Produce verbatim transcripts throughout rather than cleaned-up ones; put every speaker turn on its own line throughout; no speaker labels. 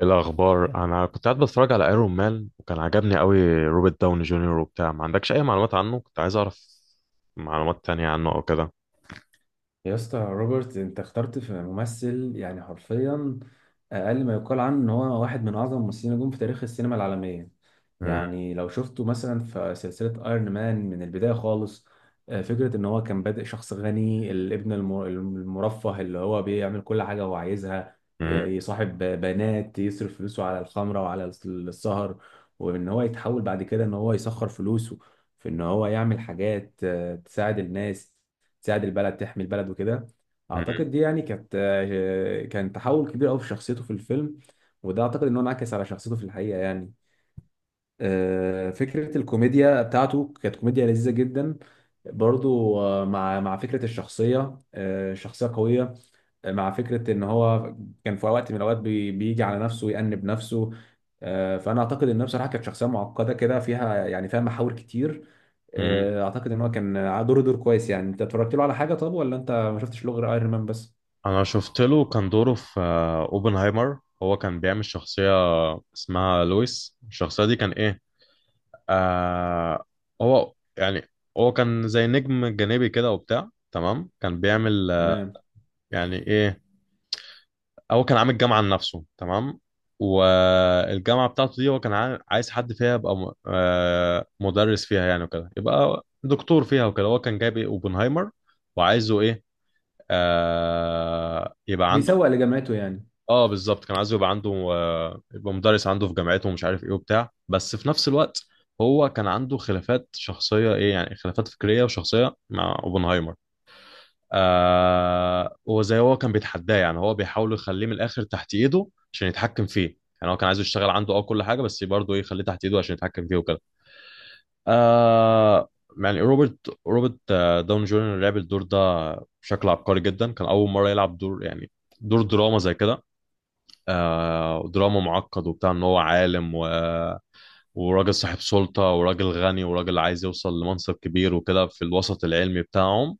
إيه الأخبار؟ أنا كنت قاعد بتفرج على ايرون مان، وكان عجبني قوي روبرت داوني جونيور وبتاع. ما عندكش أي معلومات عنه؟ كنت عايز أعرف معلومات تانية عنه أو كده.
يا اسطى روبرت انت اخترت في ممثل، يعني حرفيا اقل ما يقال عنه ان هو واحد من اعظم الممثلين نجوم في تاريخ السينما العالميه.
مم،
يعني لو شفته مثلا في سلسله ايرون مان من البدايه خالص، آه، فكره ان هو كان بادئ شخص غني الابن الم- المرفه اللي هو بيعمل كل حاجه هو عايزها. ي-
مم،
يصاحب بنات يصرف فلوسه على الخمره وعلى السهر، وان هو يتحول بعد كده ان هو يسخر فلوسه في ان هو يعمل حاجات آه، تساعد الناس، تساعد البلد، تحمي البلد وكده.
مم،
اعتقد دي يعني كانت، آه، كان تحول كبير قوي في شخصيته في الفيلم، وده اعتقد ان هو انعكس على شخصيته في الحقيقه يعني. آه، فكره الكوميديا بتاعته كانت كوميديا لذيذه جدا، برضو، آه، مع مع فكره الشخصيه، آه، شخصيه قويه، آه، مع فكره ان هو كان في وقت من الاوقات بي- بيجي على نفسه ويأنب نفسه. آه، فانا اعتقد انها بصراحه كانت شخصيه معقده كده، فيها يعني فيها محاور كتير.
مم.
آه، اعتقد ان هو كان دوره دور كويس. يعني انت اتفرجت له على حاجه طب ولا انت ما شفتش له غير ايرون مان بس؟
أنا شفت له كان دوره في آه، أوبنهايمر. هو كان بيعمل شخصية اسمها لويس. الشخصية دي كان إيه؟ آه هو يعني، هو كان زي نجم جانبي كده وبتاع، تمام. كان بيعمل آه،
تمام.
يعني إيه، هو كان عامل جامعة لنفسه، تمام. والجامعة بتاعته دي هو كان عا- عايز حد فيها يبقى م- آه، مدرس فيها يعني، وكده يبقى دكتور فيها وكده. هو كان جايب إيه؟ اوبنهايمر. وعايزه ايه؟ آه يبقى عنده.
بيسوق لجامعته يعني.
اه بالظبط، كان عايزه يبقى عنده، آه يبقى مدرس عنده في جامعته ومش عارف ايه وبتاع. بس في نفس الوقت هو كان عنده خلافات شخصية، ايه يعني، خلافات فكرية وشخصية مع اوبنهايمر. آه وزي هو كان بيتحداه، يعني هو بيحاول يخليه من الاخر تحت ايده عشان يتحكم فيه يعني. هو كان عايزه يشتغل عنده، اه، كل حاجه، بس برضه ايه، يخليه تحت ايده عشان يتحكم فيه وكده. آه يعني روبرت، روبرت آه، داون جونيور لعب الدور ده بشكل عبقري جدا. كان اول مره يلعب دور يعني، دور دراما زي كده. آه دراما معقد وبتاع، ان هو عالم، و وراجل صاحب سلطة، وراجل غني، وراجل عايز يوصل لمنصب كبير وكده في الوسط العلمي بتاعهم.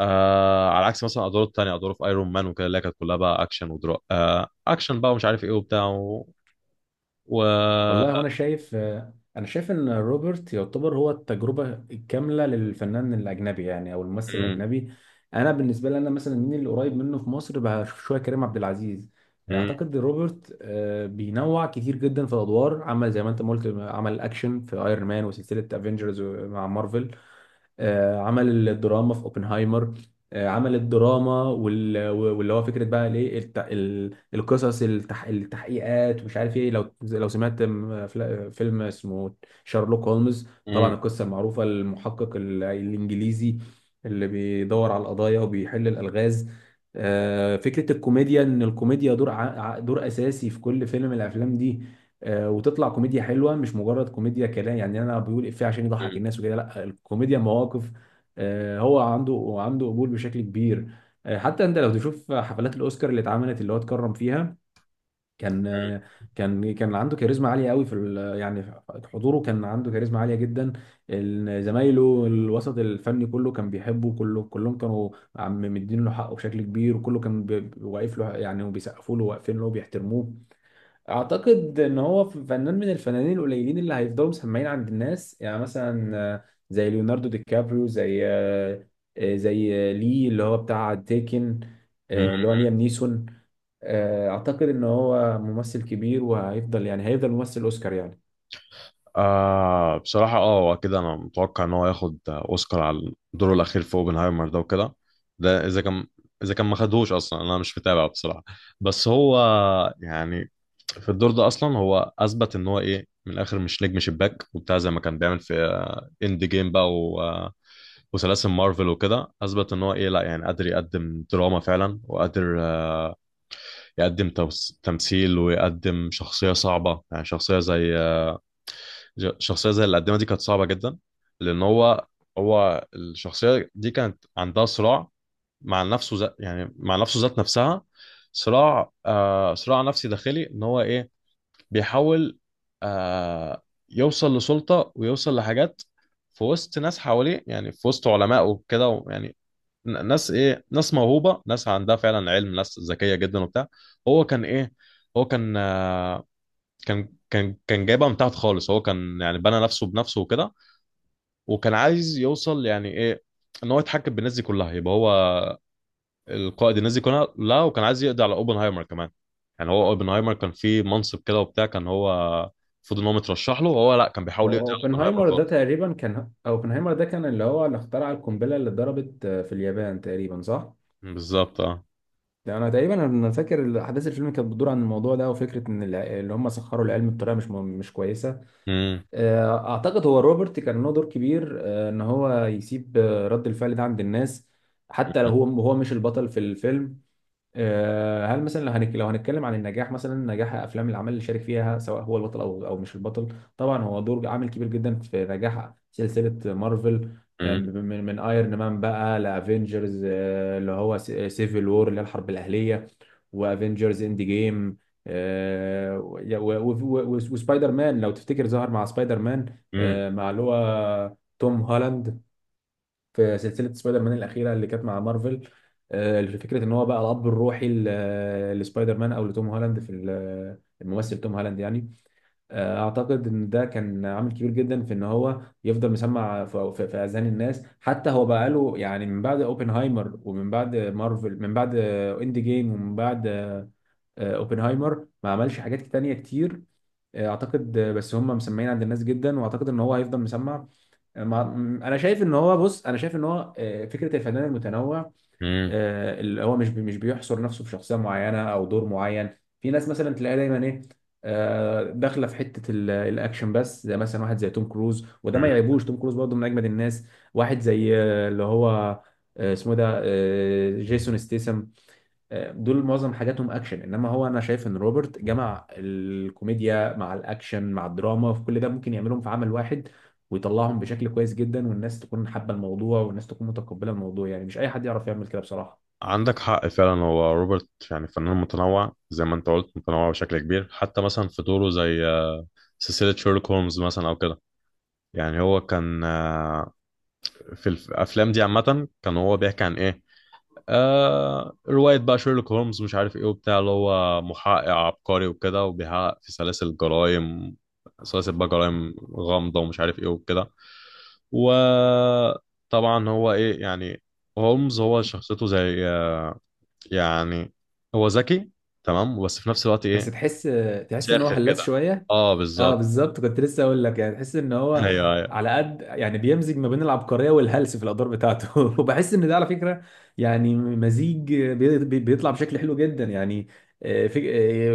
آه على عكس مثلا ادواره التانية، ادواره في ايرون مان وكده، اللي هي كانت كلها بقى اكشن ودرا آه اكشن بقى، ومش عارف ايه وبتاع و, و...
والله وانا شايف، آه، انا شايف ان روبرت يعتبر هو التجربه الكامله للفنان الاجنبي، يعني او الممثل
مم،
الاجنبي. انا بالنسبه لي انا مثلا مين اللي قريب منه في مصر؟ بشوف شويه كريم عبد العزيز.
مم،
اعتقد روبرت، آه، بينوع كتير جدا في الادوار، عمل زي ما انت ما قلت، عمل اكشن في ايرون مان وسلسله افنجرز مع مارفل، آه، عمل الدراما في اوبنهايمر، آه، عمل الدراما وال- واللي هو فكره بقى الايه الت- ال- القصص التح- التحقيقات ومش عارف ايه. لو لو سمعت م- فلا- فيلم اسمه شارلوك هولمز،
مم،
طبعا القصه المعروفه المحقق ال- الانجليزي اللي بيدور على القضايا وبيحل الالغاز. آه، فكره الكوميديا ان الكوميديا دور ع- ع- دور اساسي في كل فيلم من الافلام دي. آه، وتطلع كوميديا حلوه، مش مجرد كوميديا كلام يعني انا بيقول افيه عشان يضحك
مم،
الناس وكده، لا، الكوميديا مواقف. آه، هو عنده عنده قبول بشكل كبير. آه، حتى انت لو تشوف حفلات الاوسكار اللي اتعملت اللي هو اتكرم فيها، كان، آه، كان كان عنده كاريزما عاليه قوي في ال- يعني حضوره، كان عنده كاريزما عاليه جدا. ال- زمايله الوسط الفني كله كان بيحبه، كله كلهم كانوا عم مدين له حقه بشكل كبير، وكله كان بي- واقف له يعني وبيسقفوا له واقفين له وبيحترموه. اعتقد ان هو ف- فنان من الفنانين القليلين اللي هيفضلوا مسمعين عند الناس. يعني مثلا، آه، زي ليوناردو دي كابريو، زي، آه، آه، زي، آه، لي اللي هو بتاع تيكن،
مم.
آه، اللي هو ليام نيسون. آه، اعتقد ان هو ممثل كبير وهيفضل، يعني هيفضل ممثل اوسكار يعني.
آه بصراحة، اه، هو كده انا متوقع ان هو ياخد اوسكار على دوره الاخير في اوبنهايمر ده وكده. ده اذا كان اذا كان ما خدهوش اصلا، انا مش متابع بصراحة. بس هو يعني، في الدور ده اصلا هو اثبت ان هو ايه، من الاخر، مش نجم شباك وبتاع زي ما كان بيعمل في اند جيم بقى وسلاسل مارفل وكده. اثبت ان هو ايه، لا يعني قادر يقدم دراما فعلا، وقادر آه، يقدم توس- تمثيل، ويقدم شخصيه صعبه، يعني شخصيه زي آه، ج- شخصيه زي اللي قدمها، دي كانت صعبه جدا. لان هو، هو الشخصيه دي كانت عندها صراع مع نفسه ذات، يعني مع نفسه ذات نفسها. صراع آه صراع نفسي داخلي، ان هو ايه، بيحاول آه يوصل لسلطه، ويوصل لحاجات في وسط ناس حواليه، يعني في وسط علمائه وكده يعني. ن- ناس ايه، ناس موهوبه، ناس عندها فعلا علم، ناس ذكيه جدا وبتاع. هو كان ايه، هو كان آه، كان كان كان جايبها من تحت خالص. هو كان يعني بنى نفسه بنفسه وكده، وكان عايز يوصل يعني ايه، ان هو يتحكم بالناس دي كلها. يبقى هو القائد الناس دي كلها. لا، وكان عايز يقضي على اوبنهايمر كمان. يعني هو اوبنهايمر كان فيه منصب كده وبتاع، كان هو المفروض ان هو مترشح له، وهو لا، كان بيحاول يقضي على اوبنهايمر
اوبنهايمر ده
خالص.
تقريبا كان، اوبنهايمر ده كان اللي هو اللي اخترع القنبله اللي اتضربت، آه، في اليابان تقريبا، صح؟
بالظبط اه.
يعني انا تقريبا انا فاكر احداث الفيلم كانت بتدور عن الموضوع ده، وفكره ان الع- اللي هم سخروا العلم بطريقه مش مش كويسه.
امم،
آه، اعتقد هو روبرت كان له دور كبير، آه، ان هو يسيب، آه، رد الفعل ده عند الناس، حتى لو هو هو مش البطل في الفيلم. آه، هل مثلا لو هنك، لو هنتكلم عن النجاح، مثلا نجاح افلام العمل اللي شارك فيها سواء هو البطل او او مش البطل، طبعا هو دور عامل كبير جدا في نجاح سلسله مارفل. آم،
امم،
من من ايرون مان بقى لافنجرز، آه، اللي هو سيفل وور اللي هي الحرب الاهليه، وافنجرز اند جيم، وسبايدر مان لو تفتكر، ظهر مع سبايدر مان، آه، مع اللي هو توم هولاند، في سلسله سبايدر مان الاخيره اللي كانت مع مارفل. آه، فكره ان هو بقى الاب الروحي ل- لسبايدر مان او لتوم هولاند في ال- الممثل توم هولاند يعني. آه، اعتقد ان ده كان عامل كبير جدا في ان هو يفضل مسمع في في- في اذهان الناس، حتى هو بقى له يعني من بعد اوبنهايمر ومن بعد مارفل من بعد اند جيم ومن بعد، آه، آه، اوبنهايمر ما عملش حاجات تانية كتير. آه، اعتقد، آه، بس هم مسمعين عند الناس جدا، واعتقد ان هو هيفضل مسمع. ما انا شايف ان هو، بص انا شايف ان هو، آه، فكره الفنان المتنوع،
امم.
آه، اللي هو مش بي- مش بيحصر نفسه في شخصيه معينه او دور معين. في ناس مثلا تلاقيها دايما ايه، آه، داخله في حته ال- الاكشن بس، زي مثلا واحد زي توم كروز، وده ما يعيبوش توم كروز برضه من اجمد الناس، واحد زي، آه، اللي هو، آه، اسمه إيه ده، آه، جيسون ستيسم، دول معظم حاجاتهم اكشن. انما هو، انا شايف ان روبرت جمع الكوميديا مع الاكشن مع الدراما، في كل ده ممكن يعملهم في عمل واحد ويطلعهم بشكل كويس جدا، والناس تكون حابه الموضوع والناس تكون متقبله الموضوع. يعني مش اي حد يعرف يعمل كده بصراحه.
عندك حق فعلا، هو روبرت يعني فنان متنوع زي ما انت قلت، متنوع بشكل كبير. حتى مثلا في دوره زي آه، سلسلة شيرلوك هولمز مثلا او كده، يعني هو كان آه، في الافلام دي عامة كان هو بيحكي عن ايه، آه رواية بقى شيرلوك هولمز مش عارف ايه وبتاع، اللي هو محقق عبقري وكده، وبيحقق في سلاسل جرائم، سلاسل بقى جرائم غامضة ومش عارف ايه وكده. وطبعا هو ايه يعني، هولمز هو شخصيته زي آه، يعني هو ذكي تمام، بس في نفس الوقت
بس
ايه،
تحس، تحس ان هو
ساخر
هلاس
كده.
شويه.
اه
اه
بالظبط.
بالظبط، كنت لسه اقول لك، يعني تحس ان هو
ايوه، ايوه.
على قد يعني بيمزج ما بين العبقريه والهلس في الادوار بتاعته وبحس ان ده على فكره يعني مزيج، بي- بي- بيطلع بشكل حلو جدا يعني. آه، في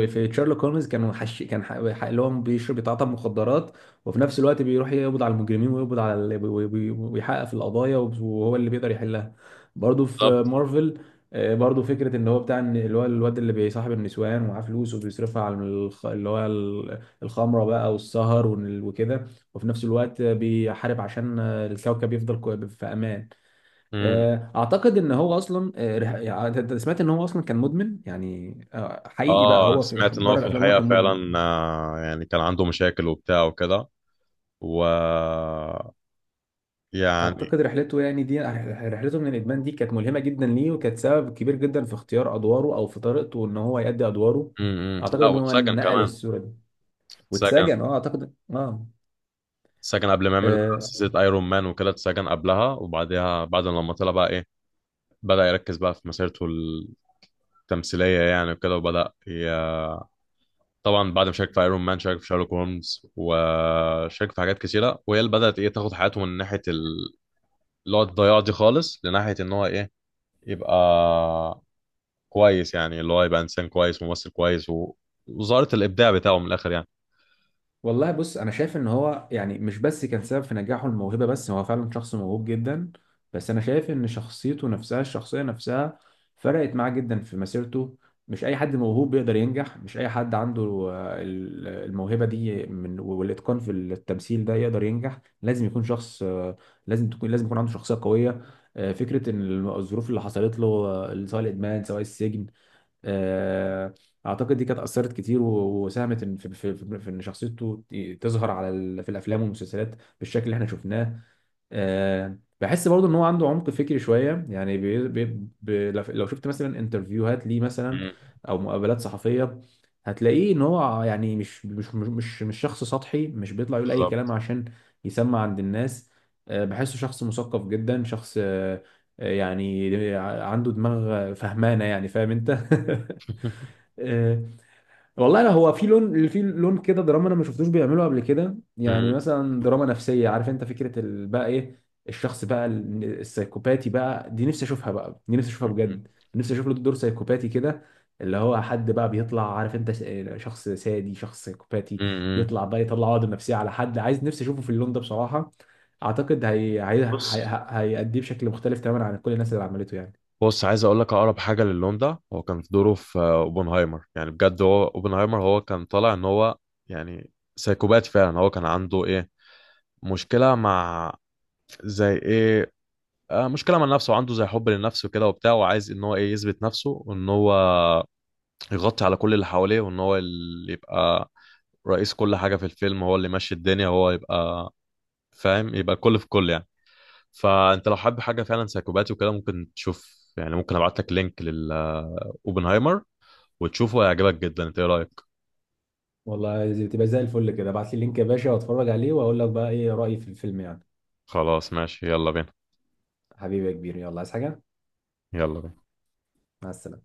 آه، في شارلوك هولمز كان حش كان ح- ح- اللي هو بيشرب بيتعاطى مخدرات، وفي نفس الوقت بيروح يقبض على المجرمين ويقبض على ال- وي- وي- ويحقق في القضايا وهو اللي بيقدر يحلها. برضه في
بالظبط.
مارفل، آه، برضه فكره ان هو بتاع إن اللي هو الواد اللي بيصاحب النسوان ومعاه فلوس وبيصرفها على الخ- اللي هو الخمره بقى والسهر وال- وكده، وفي نفس الوقت بيحارب عشان الكوكب يفضل كو- في امان.
امم.
آه، اعتقد ان هو اصلا، آه، رح- يعني انت أنت سمعت ان هو اصلا كان مدمن، يعني آه، حقيقي بقى،
اه،
هو في
سمعت ان هو
بره
في
الافلام هو
الحقيقه
كان مدمن.
فعلا آه، يعني كان عنده مشاكل وبتاع وكده. و، يعني،
اعتقد رحلته، يعني دي رحلته من الادمان دي كانت ملهمه جدا ليه، وكانت سبب كبير جدا في اختيار ادواره او في طريقته ان هو يؤدي ادواره.
امم،
اعتقد
لا،
ان هو
واتسجن
نقل
كمان.
الصوره دي.
اتسجن.
واتسجن، اه اعتقد اه.
اتسجن قبل ما يعمل
آه،
سلسله ايرون مان وكده، اتسجن قبلها وبعدها. بعد لما طلع بقى ايه، بدأ يركز بقى في مسيرته التمثيليه يعني وكده وبدأ ي... طبعا بعد ما شارك في ايرون مان، شارك في شارلوك هولمز، وشارك في حاجات كتيره، وهي اللي بدات ايه، تاخد حياته من ناحيه ال- اللي هو الضياع دي خالص، لناحيه ان هو ايه، يبقى كويس. يعني اللي هو يبقى انسان كويس، ممثل كويس و... وظهرت الابداع بتاعه من الاخر يعني.
والله بص انا شايف ان هو يعني مش بس كان سبب في نجاحه الموهبه بس هو فعلا شخص موهوب جدا بس انا شايف ان شخصيته نفسها الشخصيه نفسها فرقت معاه جدا في مسيرته مش اي حد موهوب بيقدر ينجح مش اي حد عنده آه، ال- الموهبه دي من والاتقان في التمثيل ده يقدر ينجح لازم يكون شخص آه، لازم تكون لازم يكون عنده شخصيه قويه آه، فكره ان الظروف اللي حصلت له آه، سواء الادمان سواء السجن آه، اعتقد دي كانت اثرت كتير و- وساهمت إن- في في في في ان شخصيته ت- تظهر على ال- في الافلام والمسلسلات بالشكل اللي احنا شفناه آه، بحس برضه ان هو عنده عمق فكري شويه يعني بي بي بي لو لو شفت مثلا انترفيوهات ليه مثلا
مم،
او مقابلات صحفيه هتلاقيه ان هو يعني مش مش مش مش مش شخص سطحي مش بيطلع يقول اي كلام
بالظبط.
عشان يسمع عند الناس آه، بحسه شخص مثقف جدا شخص آه، يعني عنده دماغ فهمانه يعني فاهم انت آه، والله لا، هو في لون، في لون كده دراما انا ما شفتوش بيعمله قبل كده، يعني
مم،
مثلا دراما نفسيه، عارف انت فكره ال- بقى ايه الشخص بقى ال- السايكوباتي، بقى دي نفسي اشوفها، بقى دي نفسي اشوفها بجد، نفسي اشوف له دور سايكوباتي كده، اللي هو حد بقى بيطلع عارف انت س- آه، شخص سادي شخص سايكوباتي،
مم، مم.
يطلع بقى يطلع عقده نفسيه على حد، عايز نفسي اشوفه في اللون ده بصراحه. اعتقد هي هي
بص.
هي- هيأديه بشكل مختلف تماما عن كل الناس اللي عملته يعني.
بص، عايز اقول لك اقرب حاجه للون ده، هو كان في دوره في آه، اوبنهايمر. يعني بجد هو اوبنهايمر، هو كان طالع ان هو يعني سايكوبات فعلا. هو كان عنده ايه، مشكله مع، زي ايه، آه مشكله مع نفسه. عنده زي حب للنفس وكده وبتاع، وعايز ان هو ايه، يثبت نفسه، وان هو يغطي على كل اللي حواليه، وان هو اللي يبقى رئيس كل حاجه في الفيلم، هو اللي ماشي الدنيا، هو يبقى فاهم، يبقى كل في كل يعني. فانت لو حابب حاجه فعلا سايكوباتي وكده، ممكن تشوف يعني، ممكن ابعت لك لينك للاوبنهايمر وتشوفه، هيعجبك جدا. انت ايه رايك؟
والله تبقى زي الفل كده، ابعت لي اللينك يا باشا واتفرج عليه واقول لك بقى ايه رأيي في الفيلم يعني.
خلاص ماشي، يلا بينا.
حبيبي يا كبير، يلا عايز حاجة؟
يلا بينا.
مع السلامة.